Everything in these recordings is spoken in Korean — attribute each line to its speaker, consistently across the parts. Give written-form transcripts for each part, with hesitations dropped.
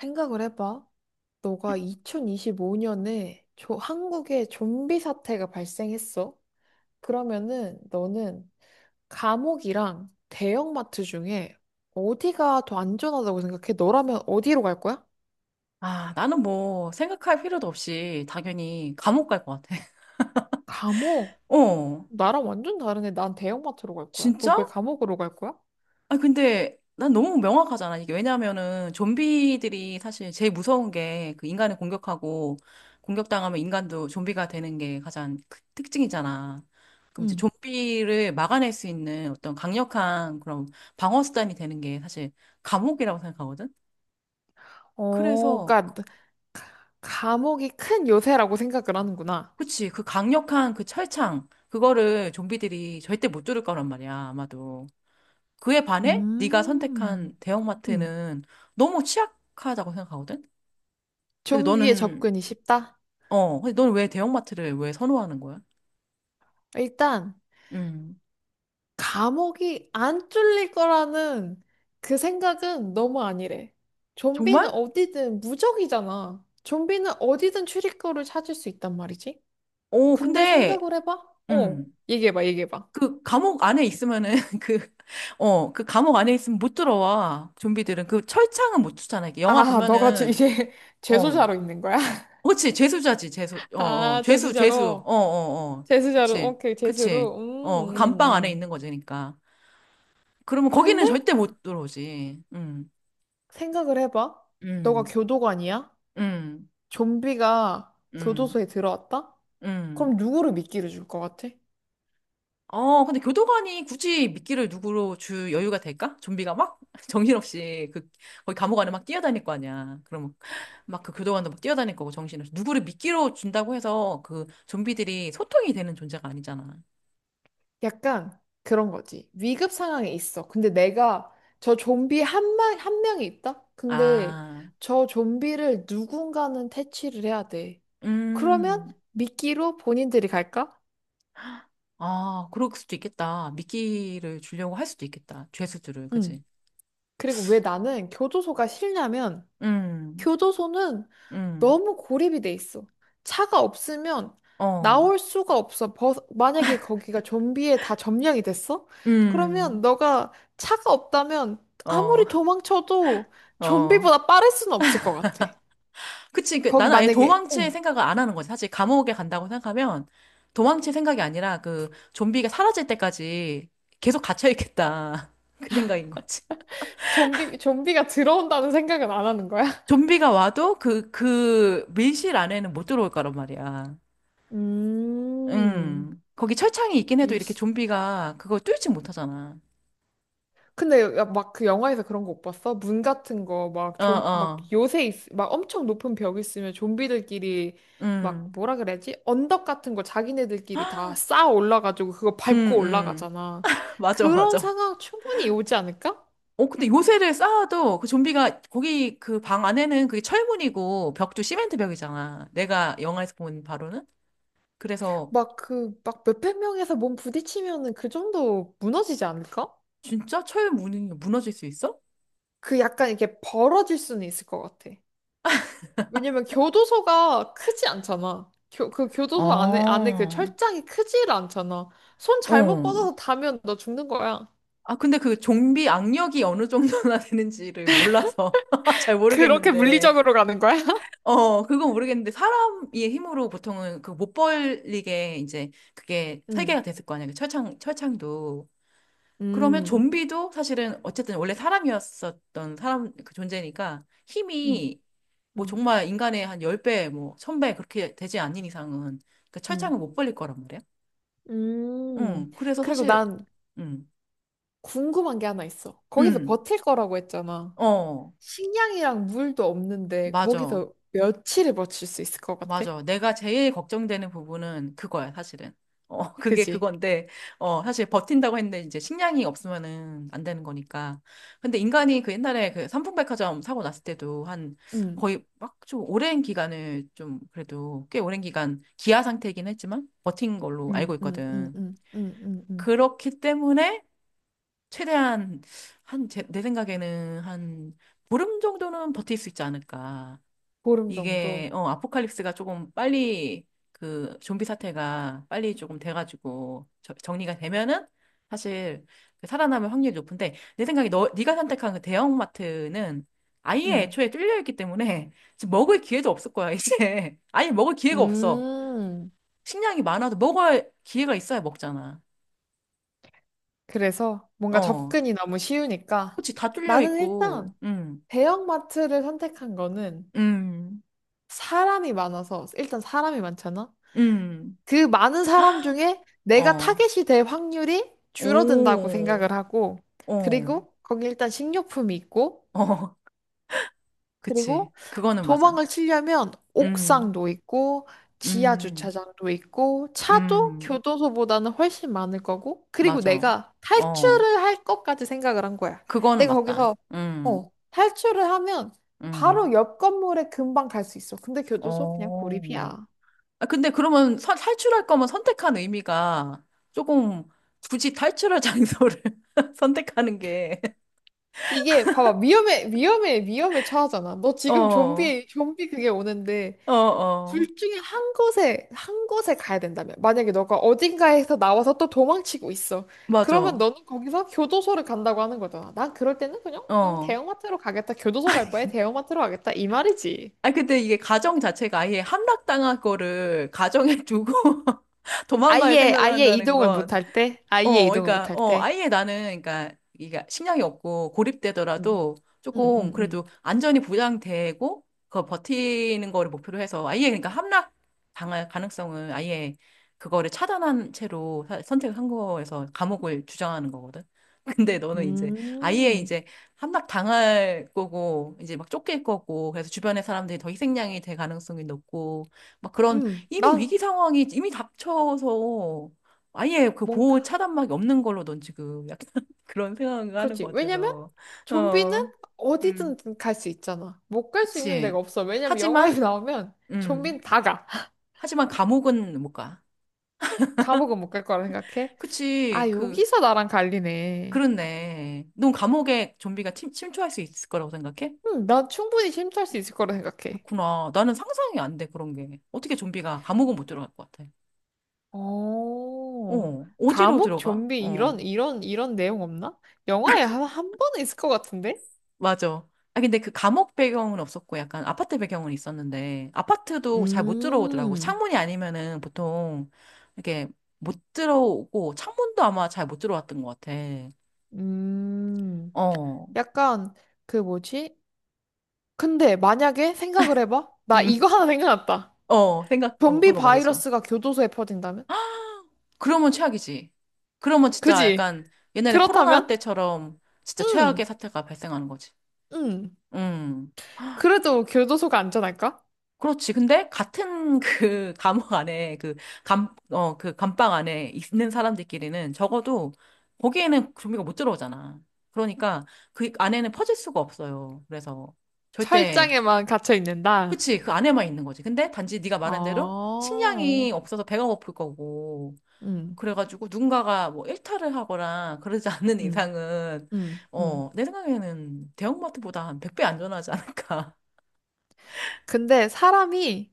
Speaker 1: 생각을 해봐. 너가 2025년에 한국에 좀비 사태가 발생했어. 그러면은 너는 감옥이랑 대형마트 중에 어디가 더 안전하다고 생각해? 너라면 어디로 갈 거야?
Speaker 2: 아, 나는 뭐 생각할 필요도 없이 당연히 감옥 갈 것 같아.
Speaker 1: 감옥.
Speaker 2: 어,
Speaker 1: 나랑 완전 다르네. 난 대형마트로 갈 거야. 너
Speaker 2: 진짜?
Speaker 1: 왜 감옥으로 갈 거야?
Speaker 2: 아, 근데 난 너무 명확하잖아. 이게 왜냐면은 좀비들이 사실 제일 무서운 게 그 인간을 공격하고 공격당하면 인간도 좀비가 되는 게 가장 그 특징이잖아. 그럼 이제
Speaker 1: 응.
Speaker 2: 좀비를 막아낼 수 있는 어떤 강력한 그런 방어 수단이 되는 게 사실 감옥이라고 생각하거든.
Speaker 1: 어,
Speaker 2: 그래서
Speaker 1: 그러니까 감옥이 큰 요새라고 생각을 하는구나.
Speaker 2: 그치. 그 강력한 그 철창, 그거를 좀비들이 절대 못 뚫을 거란 말이야, 아마도. 그에 반해 네가 선택한
Speaker 1: 음. 음,
Speaker 2: 대형마트는 너무 취약하다고 생각하거든? 근데
Speaker 1: 좀비에
Speaker 2: 너는,
Speaker 1: 접근이 쉽다.
Speaker 2: 근데 너는 왜 대형마트를 왜 선호하는 거야?
Speaker 1: 일단
Speaker 2: 음.
Speaker 1: 감옥이 안 뚫릴 거라는 그 생각은 너무 아니래. 좀비는
Speaker 2: 정말?
Speaker 1: 어디든 무적이잖아. 좀비는 어디든 출입구를 찾을 수 있단 말이지.
Speaker 2: 어,
Speaker 1: 근데
Speaker 2: 근데,
Speaker 1: 생각을 해봐. 어,
Speaker 2: 음.
Speaker 1: 얘기해봐, 얘기해봐.
Speaker 2: 그 감옥 안에 있으면은 그, 그 감옥 안에 있으면 못 들어와. 좀비들은. 그 철창은 못 뚫잖아. 이게 영화
Speaker 1: 아, 너가
Speaker 2: 보면은,
Speaker 1: 이제
Speaker 2: 어.
Speaker 1: 재수자로 있는 거야?
Speaker 2: 그치, 죄수자지죄수 어, 어,
Speaker 1: 아,
Speaker 2: 제수, 제수,
Speaker 1: 재수자로.
Speaker 2: 어, 어, 어.
Speaker 1: 재수자로,
Speaker 2: 그치,
Speaker 1: 오케이,
Speaker 2: 그치.
Speaker 1: 재수로.
Speaker 2: 어, 그 감방 안에
Speaker 1: 음, 음.
Speaker 2: 있는 거지니까. 그러면 거기는
Speaker 1: 근데
Speaker 2: 절대 못 들어오지.
Speaker 1: 생각을 해봐. 너가
Speaker 2: 음,
Speaker 1: 교도관이야?
Speaker 2: 음,
Speaker 1: 좀비가
Speaker 2: 음,
Speaker 1: 교도소에 들어왔다?
Speaker 2: 음.
Speaker 1: 그럼 누구를 미끼를 줄 것 같아?
Speaker 2: 어, 근데 교도관이 굳이 미끼를 누구로 줄 여유가 될까? 좀비가 막 정신없이 그, 거기 감옥 안에 막 뛰어다닐 거 아니야. 그러면 막 그 교도관도 막 뛰어다닐 거고 정신없이. 누구를 미끼로 준다고 해서 그 좀비들이 소통이 되는 존재가 아니잖아.
Speaker 1: 약간 그런 거지. 위급 상황에 있어. 근데 내가 저 좀비 한 명, 한 명이 있다? 근데
Speaker 2: 아,
Speaker 1: 저 좀비를 누군가는 퇴치를 해야 돼. 그러면
Speaker 2: 음.
Speaker 1: 미끼로 본인들이 갈까?
Speaker 2: 아, 그럴 수도 있겠다. 미끼를 주려고 할 수도 있겠다. 죄수들을, 그지?
Speaker 1: 응. 그리고 왜 나는 교도소가 싫냐면
Speaker 2: 음,
Speaker 1: 교도소는
Speaker 2: 음,
Speaker 1: 너무 고립이 돼 있어. 차가 없으면
Speaker 2: 어,
Speaker 1: 나올 수가 없어. 만약에 거기가 좀비에 다 점령이 됐어? 그러면
Speaker 2: 음,
Speaker 1: 너가 차가 없다면
Speaker 2: 어,
Speaker 1: 아무리 도망쳐도
Speaker 2: 어.
Speaker 1: 좀비보다 빠를 수는 없을 것 같아.
Speaker 2: 그치, 그,
Speaker 1: 거기
Speaker 2: 나는 아예
Speaker 1: 만약에
Speaker 2: 도망칠
Speaker 1: 어,
Speaker 2: 생각을 안 하는 거지. 사실 감옥에 간다고 생각하면 도망칠 생각이 아니라 그 좀비가 사라질 때까지 계속 갇혀있겠다. 그 생각인 거지.
Speaker 1: 좀비가 들어온다는 생각은 안 하는 거야?
Speaker 2: 좀비가 와도 그 밀실 안에는 못 들어올 거란 말이야.
Speaker 1: 음,
Speaker 2: 거기 철창이 있긴 해도 이렇게 좀비가 그걸 뚫지 못하잖아.
Speaker 1: 근데 막 그 영화에서 그런 거 못 봤어? 문 같은 거 막 좀 막
Speaker 2: 어어.
Speaker 1: 요새 막 엄청 높은 벽 있으면 좀비들끼리 막
Speaker 2: 음,
Speaker 1: 뭐라 그래야지? 언덕 같은 거 자기네들끼리 다 쌓아 올라가지고 그거
Speaker 2: 음,
Speaker 1: 밟고
Speaker 2: 음.
Speaker 1: 올라가잖아.
Speaker 2: 맞아,
Speaker 1: 그런
Speaker 2: 맞아.
Speaker 1: 상황 충분히 오지 않을까?
Speaker 2: 어, 근데 요새를 쌓아도 그 좀비가 거기 그 방 안에는 그게 철문이고 벽도 시멘트 벽이잖아. 내가 영화에서 본 바로는. 그래서
Speaker 1: 막 그 막 몇백 명에서 몸 부딪히면은 그 정도 무너지지 않을까?
Speaker 2: 진짜 철문이 무너질 수 있어?
Speaker 1: 그 약간 이렇게 벌어질 수는 있을 것 같아. 왜냐면 교도소가 크지 않잖아. 그 교도소 안에,
Speaker 2: 아,
Speaker 1: 안에 그 철장이 크지를 않잖아. 손 잘못
Speaker 2: 어.
Speaker 1: 뻗어서 닿으면 너 죽는 거야.
Speaker 2: 아, 근데 그 좀비 악력이 어느 정도나 되는지를 몰라서 잘
Speaker 1: 그렇게
Speaker 2: 모르겠는데.
Speaker 1: 물리적으로 가는 거야?
Speaker 2: 어, 그건 모르겠는데 사람의 힘으로 보통은 그 못 벌리게 이제 그게
Speaker 1: 음,
Speaker 2: 설계가 됐을 거 아니야. 그 철창, 철창도. 그러면
Speaker 1: 음,
Speaker 2: 좀비도 사실은 어쨌든 원래 사람이었었던 사람 그 존재니까
Speaker 1: 음,
Speaker 2: 힘이 뭐
Speaker 1: 음,
Speaker 2: 정말 인간의 한 10배, 뭐 1000배 그렇게 되지 않는 이상은 그 철창을
Speaker 1: 음.
Speaker 2: 못 벌릴 거란 말이야.
Speaker 1: 음.
Speaker 2: 응. 그래서
Speaker 1: 그리고
Speaker 2: 사실
Speaker 1: 난
Speaker 2: 응.
Speaker 1: 궁금한 게 하나 있어. 거기서
Speaker 2: 응.
Speaker 1: 버틸 거라고 했잖아.
Speaker 2: 어.
Speaker 1: 식량이랑 물도 없는데
Speaker 2: 맞아.
Speaker 1: 거기서 며칠을 버틸 수 있을 것 같아?
Speaker 2: 맞아. 내가 제일 걱정되는 부분은 그거야, 사실은. 어, 그게
Speaker 1: 그지?
Speaker 2: 그건데, 어, 사실 버틴다고 했는데 이제 식량이 없으면은 안 되는 거니까. 근데 인간이 그 옛날에 그 삼풍백화점 사고 났을 때도 한
Speaker 1: 응,
Speaker 2: 거의 막 좀 오랜 기간을 좀 그래도 꽤 오랜 기간 기아 상태이긴 했지만 버틴 걸로
Speaker 1: 응,
Speaker 2: 알고
Speaker 1: 응, 응,
Speaker 2: 있거든.
Speaker 1: 응, 응, 응, 응.
Speaker 2: 그렇기 때문에 최대한 한, 제, 내 생각에는 한 보름 정도는 버틸 수 있지 않을까.
Speaker 1: 보름
Speaker 2: 이게
Speaker 1: 정도.
Speaker 2: 아포칼립스가 조금 빨리 그 좀비 사태가 빨리 조금 돼가지고 정리가 되면은 사실 그 살아남을 확률이 높은데 내 생각에 너 네가 선택한 그 대형마트는 아예
Speaker 1: 응.
Speaker 2: 애초에 뚫려 있기 때문에 지금 먹을 기회도 없을 거야 이제. 아예 먹을 기회가 없어.
Speaker 1: 음,
Speaker 2: 식량이 많아도 먹을 기회가 있어야 먹잖아.
Speaker 1: 그래서 뭔가
Speaker 2: 어,
Speaker 1: 접근이 너무 쉬우니까
Speaker 2: 그치, 다 뚫려
Speaker 1: 나는
Speaker 2: 있고.
Speaker 1: 일단 대형마트를 선택한 거는
Speaker 2: 음음음어
Speaker 1: 사람이 많아서 일단 사람이 많잖아. 그 많은 사람 중에 내가
Speaker 2: 오,
Speaker 1: 타겟이 될 확률이 줄어든다고 생각을 하고
Speaker 2: 어,
Speaker 1: 그리고 거기 일단 식료품이 있고
Speaker 2: 어. 그치.
Speaker 1: 그리고
Speaker 2: 그거는 맞아.
Speaker 1: 도망을 치려면
Speaker 2: 음,
Speaker 1: 옥상도 있고 지하
Speaker 2: 음,
Speaker 1: 주차장도 있고 차도
Speaker 2: 음,
Speaker 1: 교도소보다는 훨씬 많을 거고 그리고
Speaker 2: 맞아.
Speaker 1: 내가
Speaker 2: 어,
Speaker 1: 탈출을 할 것까지 생각을 한 거야.
Speaker 2: 그거는
Speaker 1: 내가
Speaker 2: 맞다.
Speaker 1: 거기서 어, 탈출을 하면
Speaker 2: 음,
Speaker 1: 바로 옆 건물에 금방 갈 수 있어. 근데 교도소 그냥
Speaker 2: 어.
Speaker 1: 고립이야.
Speaker 2: 아, 근데 그러면 탈출할 거면 선택한 의미가 조금 굳이 탈출할 장소를 선택하는 게.
Speaker 1: 이게 봐봐 위험에 처하잖아. 너
Speaker 2: 어,
Speaker 1: 지금
Speaker 2: 어,
Speaker 1: 좀비 그게 오는데
Speaker 2: 어,
Speaker 1: 둘 중에 한 곳에 가야 된다면. 만약에 너가 어딘가에서 나와서 또 도망치고 있어. 그러면
Speaker 2: 맞아.
Speaker 1: 너는 거기서 교도소를 간다고 하는 거잖아. 난 그럴 때는 그냥,
Speaker 2: 어.
Speaker 1: 대형마트로 가겠다. 교도소 갈 바에 대형마트로 가겠다. 이 말이지.
Speaker 2: 아, 근데 이게 가정 자체가 아예 함락당할 거를 가정에 두고 도망갈
Speaker 1: 아예,
Speaker 2: 생각을
Speaker 1: 아예
Speaker 2: 한다는
Speaker 1: 이동을 못
Speaker 2: 건,
Speaker 1: 할 때? 아예
Speaker 2: 어,
Speaker 1: 이동을
Speaker 2: 그러니까,
Speaker 1: 못할
Speaker 2: 어,
Speaker 1: 때?
Speaker 2: 아예 나는, 그러니까, 이게 식량이 없고
Speaker 1: 음,
Speaker 2: 고립되더라도
Speaker 1: 음,
Speaker 2: 조금
Speaker 1: 음, 음.
Speaker 2: 그래도 안전이 보장되고, 그거 버티는 거를 목표로 해서 아예, 그러니까 함락 당할 가능성을 아예 그거를 차단한 채로 선택을 한 거에서 감옥을 주장하는 거거든. 근데 너는 이제 아예
Speaker 1: 음,
Speaker 2: 이제 함락 당할 거고, 이제 막 쫓길 거고, 그래서 주변의 사람들이 더 희생양이 될 가능성이 높고, 막 그런 이미
Speaker 1: 난
Speaker 2: 위기 상황이 이미 닥쳐서 아예 그 보호
Speaker 1: 뭔가,
Speaker 2: 차단막이 없는 걸로 넌 지금 약간 그런 생각을 하는
Speaker 1: 그렇지.
Speaker 2: 것
Speaker 1: 왜냐면,
Speaker 2: 같아서.
Speaker 1: 좀비는
Speaker 2: 어, 음,
Speaker 1: 어디든 갈 수 있잖아. 못 갈 수 있는
Speaker 2: 그치.
Speaker 1: 데가 없어. 왜냐면 영화에
Speaker 2: 하지만,
Speaker 1: 나오면
Speaker 2: 음,
Speaker 1: 좀비는 다 가.
Speaker 2: 하지만 감옥은 못 가.
Speaker 1: 감옥은 못 갈 거라 생각해? 아,
Speaker 2: 그치, 그,
Speaker 1: 여기서 나랑 갈리네.
Speaker 2: 그렇네. 넌 감옥에 좀비가 침, 침투할 수 있을 거라고 생각해?
Speaker 1: 응, 난 충분히 침투할 수 있을 거라 생각해.
Speaker 2: 그렇구나. 나는 상상이 안 돼, 그런 게. 어떻게 좀비가 감옥은 못 들어갈 것 같아.
Speaker 1: 어,
Speaker 2: 어, 어디로
Speaker 1: 감옥
Speaker 2: 들어가?
Speaker 1: 좀비
Speaker 2: 어.
Speaker 1: 이런 내용 없나? 영화에 한 번은 있을 것 같은데?
Speaker 2: 맞아. 아, 근데 그 감옥 배경은 없었고 약간 아파트 배경은 있었는데 아파트도 잘 못 들어오더라고.
Speaker 1: 음,
Speaker 2: 창문이 아니면은 보통 이렇게 못 들어오고 창문도 아마 잘 못 들어왔던 것 같아.
Speaker 1: 음,
Speaker 2: 어,
Speaker 1: 약간 그 뭐지? 근데 만약에 생각을 해봐. 나
Speaker 2: 음,
Speaker 1: 이거 하나 생각났다.
Speaker 2: 어, 생각, 어,
Speaker 1: 좀비
Speaker 2: 방금 말해줘.
Speaker 1: 바이러스가 교도소에 퍼진다면?
Speaker 2: 그러면 최악이지. 그러면 진짜
Speaker 1: 그지?
Speaker 2: 약간 옛날에 코로나
Speaker 1: 그렇다면?
Speaker 2: 때처럼 진짜 최악의
Speaker 1: 응,
Speaker 2: 사태가 발생하는 거지.
Speaker 1: 응.
Speaker 2: 음.
Speaker 1: 그래도 교도소가 안전할까?
Speaker 2: 그렇지. 근데 같은 그 감옥 안에 그 감방 안에 있는 사람들끼리는 적어도 거기에는 좀비가 못 들어오잖아. 그러니까 그 안에는 퍼질 수가 없어요. 그래서 절대,
Speaker 1: 철장에만 갇혀 있는다.
Speaker 2: 그치. 그 안에만 있는 거지. 근데 단지 네가 말한 대로
Speaker 1: 어,
Speaker 2: 식량이 없어서 배가 고플 거고.
Speaker 1: 음,
Speaker 2: 그래가지고 누군가가 뭐 일탈을 하거나 그러지 않는
Speaker 1: 음,
Speaker 2: 이상은,
Speaker 1: 음, 음.
Speaker 2: 어, 내 생각에는 대형마트보다 한 100배 안전하지 않을까.
Speaker 1: 근데 사람이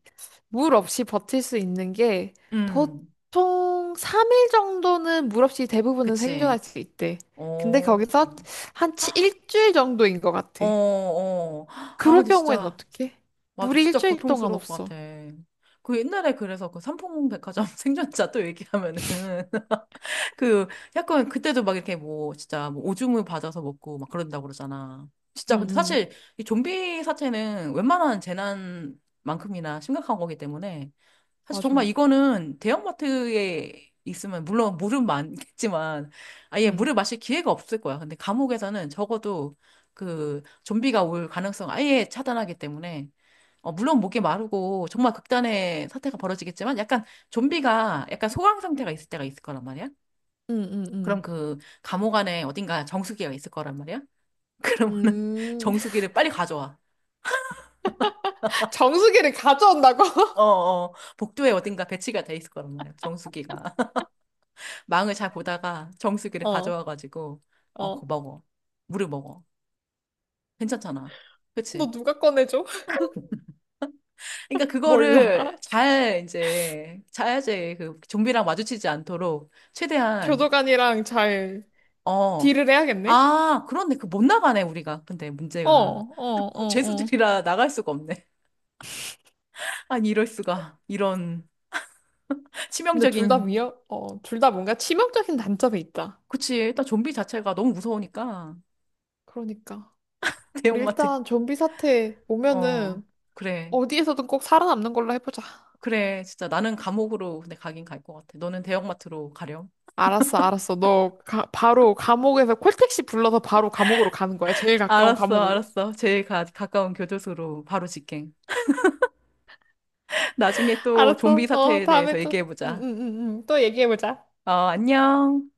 Speaker 1: 물 없이 버틸 수 있는 게
Speaker 2: 음,
Speaker 1: 보통 3일 정도는 물 없이 대부분은 생존할
Speaker 2: 그치.
Speaker 1: 수 있대. 근데
Speaker 2: 어.
Speaker 1: 거기서 한 일주일 정도인 것
Speaker 2: 어,
Speaker 1: 같아.
Speaker 2: 어. 아,
Speaker 1: 그럴
Speaker 2: 근데
Speaker 1: 경우에는
Speaker 2: 진짜,
Speaker 1: 어떡해?
Speaker 2: 맞아.
Speaker 1: 물이
Speaker 2: 진짜
Speaker 1: 일주일 동안
Speaker 2: 고통스러울 것 같아.
Speaker 1: 없어.
Speaker 2: 그 옛날에 그래서 그 삼풍백화점 생존자 또 얘기하면은 그 약간 그때도 막 이렇게 뭐 진짜 뭐 오줌을 받아서 먹고 막 그런다고 그러잖아.
Speaker 1: 응,
Speaker 2: 진짜 근데
Speaker 1: 응,
Speaker 2: 사실 이 좀비 사태는 웬만한 재난만큼이나 심각한 거기 때문에 사실 정말
Speaker 1: 맞아.
Speaker 2: 이거는 대형마트에 있으면 물론 물은 많겠지만 아예 물을
Speaker 1: 응,
Speaker 2: 마실 기회가 없을 거야. 근데 감옥에서는 적어도 그 좀비가 올 가능성 아예 차단하기 때문에 어, 물론 목이 마르고 정말 극단의 사태가 벌어지겠지만 약간 좀비가 약간 소강 상태가 있을 때가 있을 거란 말이야.
Speaker 1: 응, 응,
Speaker 2: 그럼
Speaker 1: 응.
Speaker 2: 그 감옥 안에 어딘가 정수기가 있을 거란 말이야. 그러면은
Speaker 1: 음,
Speaker 2: 정수기를 빨리 가져와.
Speaker 1: 정수기를 가져온다고?
Speaker 2: 어, 어, 복도에 어딘가 배치가 돼 있을 거란 말이야. 정수기가. 망을 잘 보다가 정수기를
Speaker 1: 어,
Speaker 2: 가져와가지고 그거
Speaker 1: 어.
Speaker 2: 먹어. 물을 먹어. 괜찮잖아. 그치.
Speaker 1: 너 누가 꺼내줘?
Speaker 2: 그러니까
Speaker 1: 몰라.
Speaker 2: 그거를 잘 이제 자야지 그 좀비랑 마주치지 않도록 최대한.
Speaker 1: 교도관이랑 잘
Speaker 2: 어.
Speaker 1: 딜을 해야겠네?
Speaker 2: 아, 그런데 그 못 나가네 우리가, 근데
Speaker 1: 어,
Speaker 2: 문제가
Speaker 1: 어, 어, 어.
Speaker 2: 죄수들이라 나갈 수가 없네. 아니, 이럴 수가. 이런
Speaker 1: 근데 둘 다
Speaker 2: 치명적인.
Speaker 1: 위협, 어, 둘 다 뭔가 치명적인 단점이 있다.
Speaker 2: 그치, 일단 좀비 자체가 너무 무서우니까.
Speaker 1: 그러니까. 우리
Speaker 2: 대형마트.
Speaker 1: 일단 좀비 사태
Speaker 2: 어,
Speaker 1: 오면은
Speaker 2: 그래.
Speaker 1: 어디에서든 꼭 살아남는 걸로 해보자.
Speaker 2: 그래, 진짜 나는 감옥으로 근데 가긴 갈 것 같아. 너는 대형마트로 가렴.
Speaker 1: 알았어, 알았어. 너 가, 바로 감옥에서 콜택시 불러서 바로 감옥으로 가는 거야. 제일 가까운
Speaker 2: 알았어,
Speaker 1: 감옥으로.
Speaker 2: 알았어. 제일 가까운 교도소로 바로 직행. 나중에 또 좀비
Speaker 1: 알았어. 어,
Speaker 2: 사태에 대해서
Speaker 1: 다음에 또, 응, 응,
Speaker 2: 얘기해보자.
Speaker 1: 응, 응. 또 얘기해보자.
Speaker 2: 어, 안녕.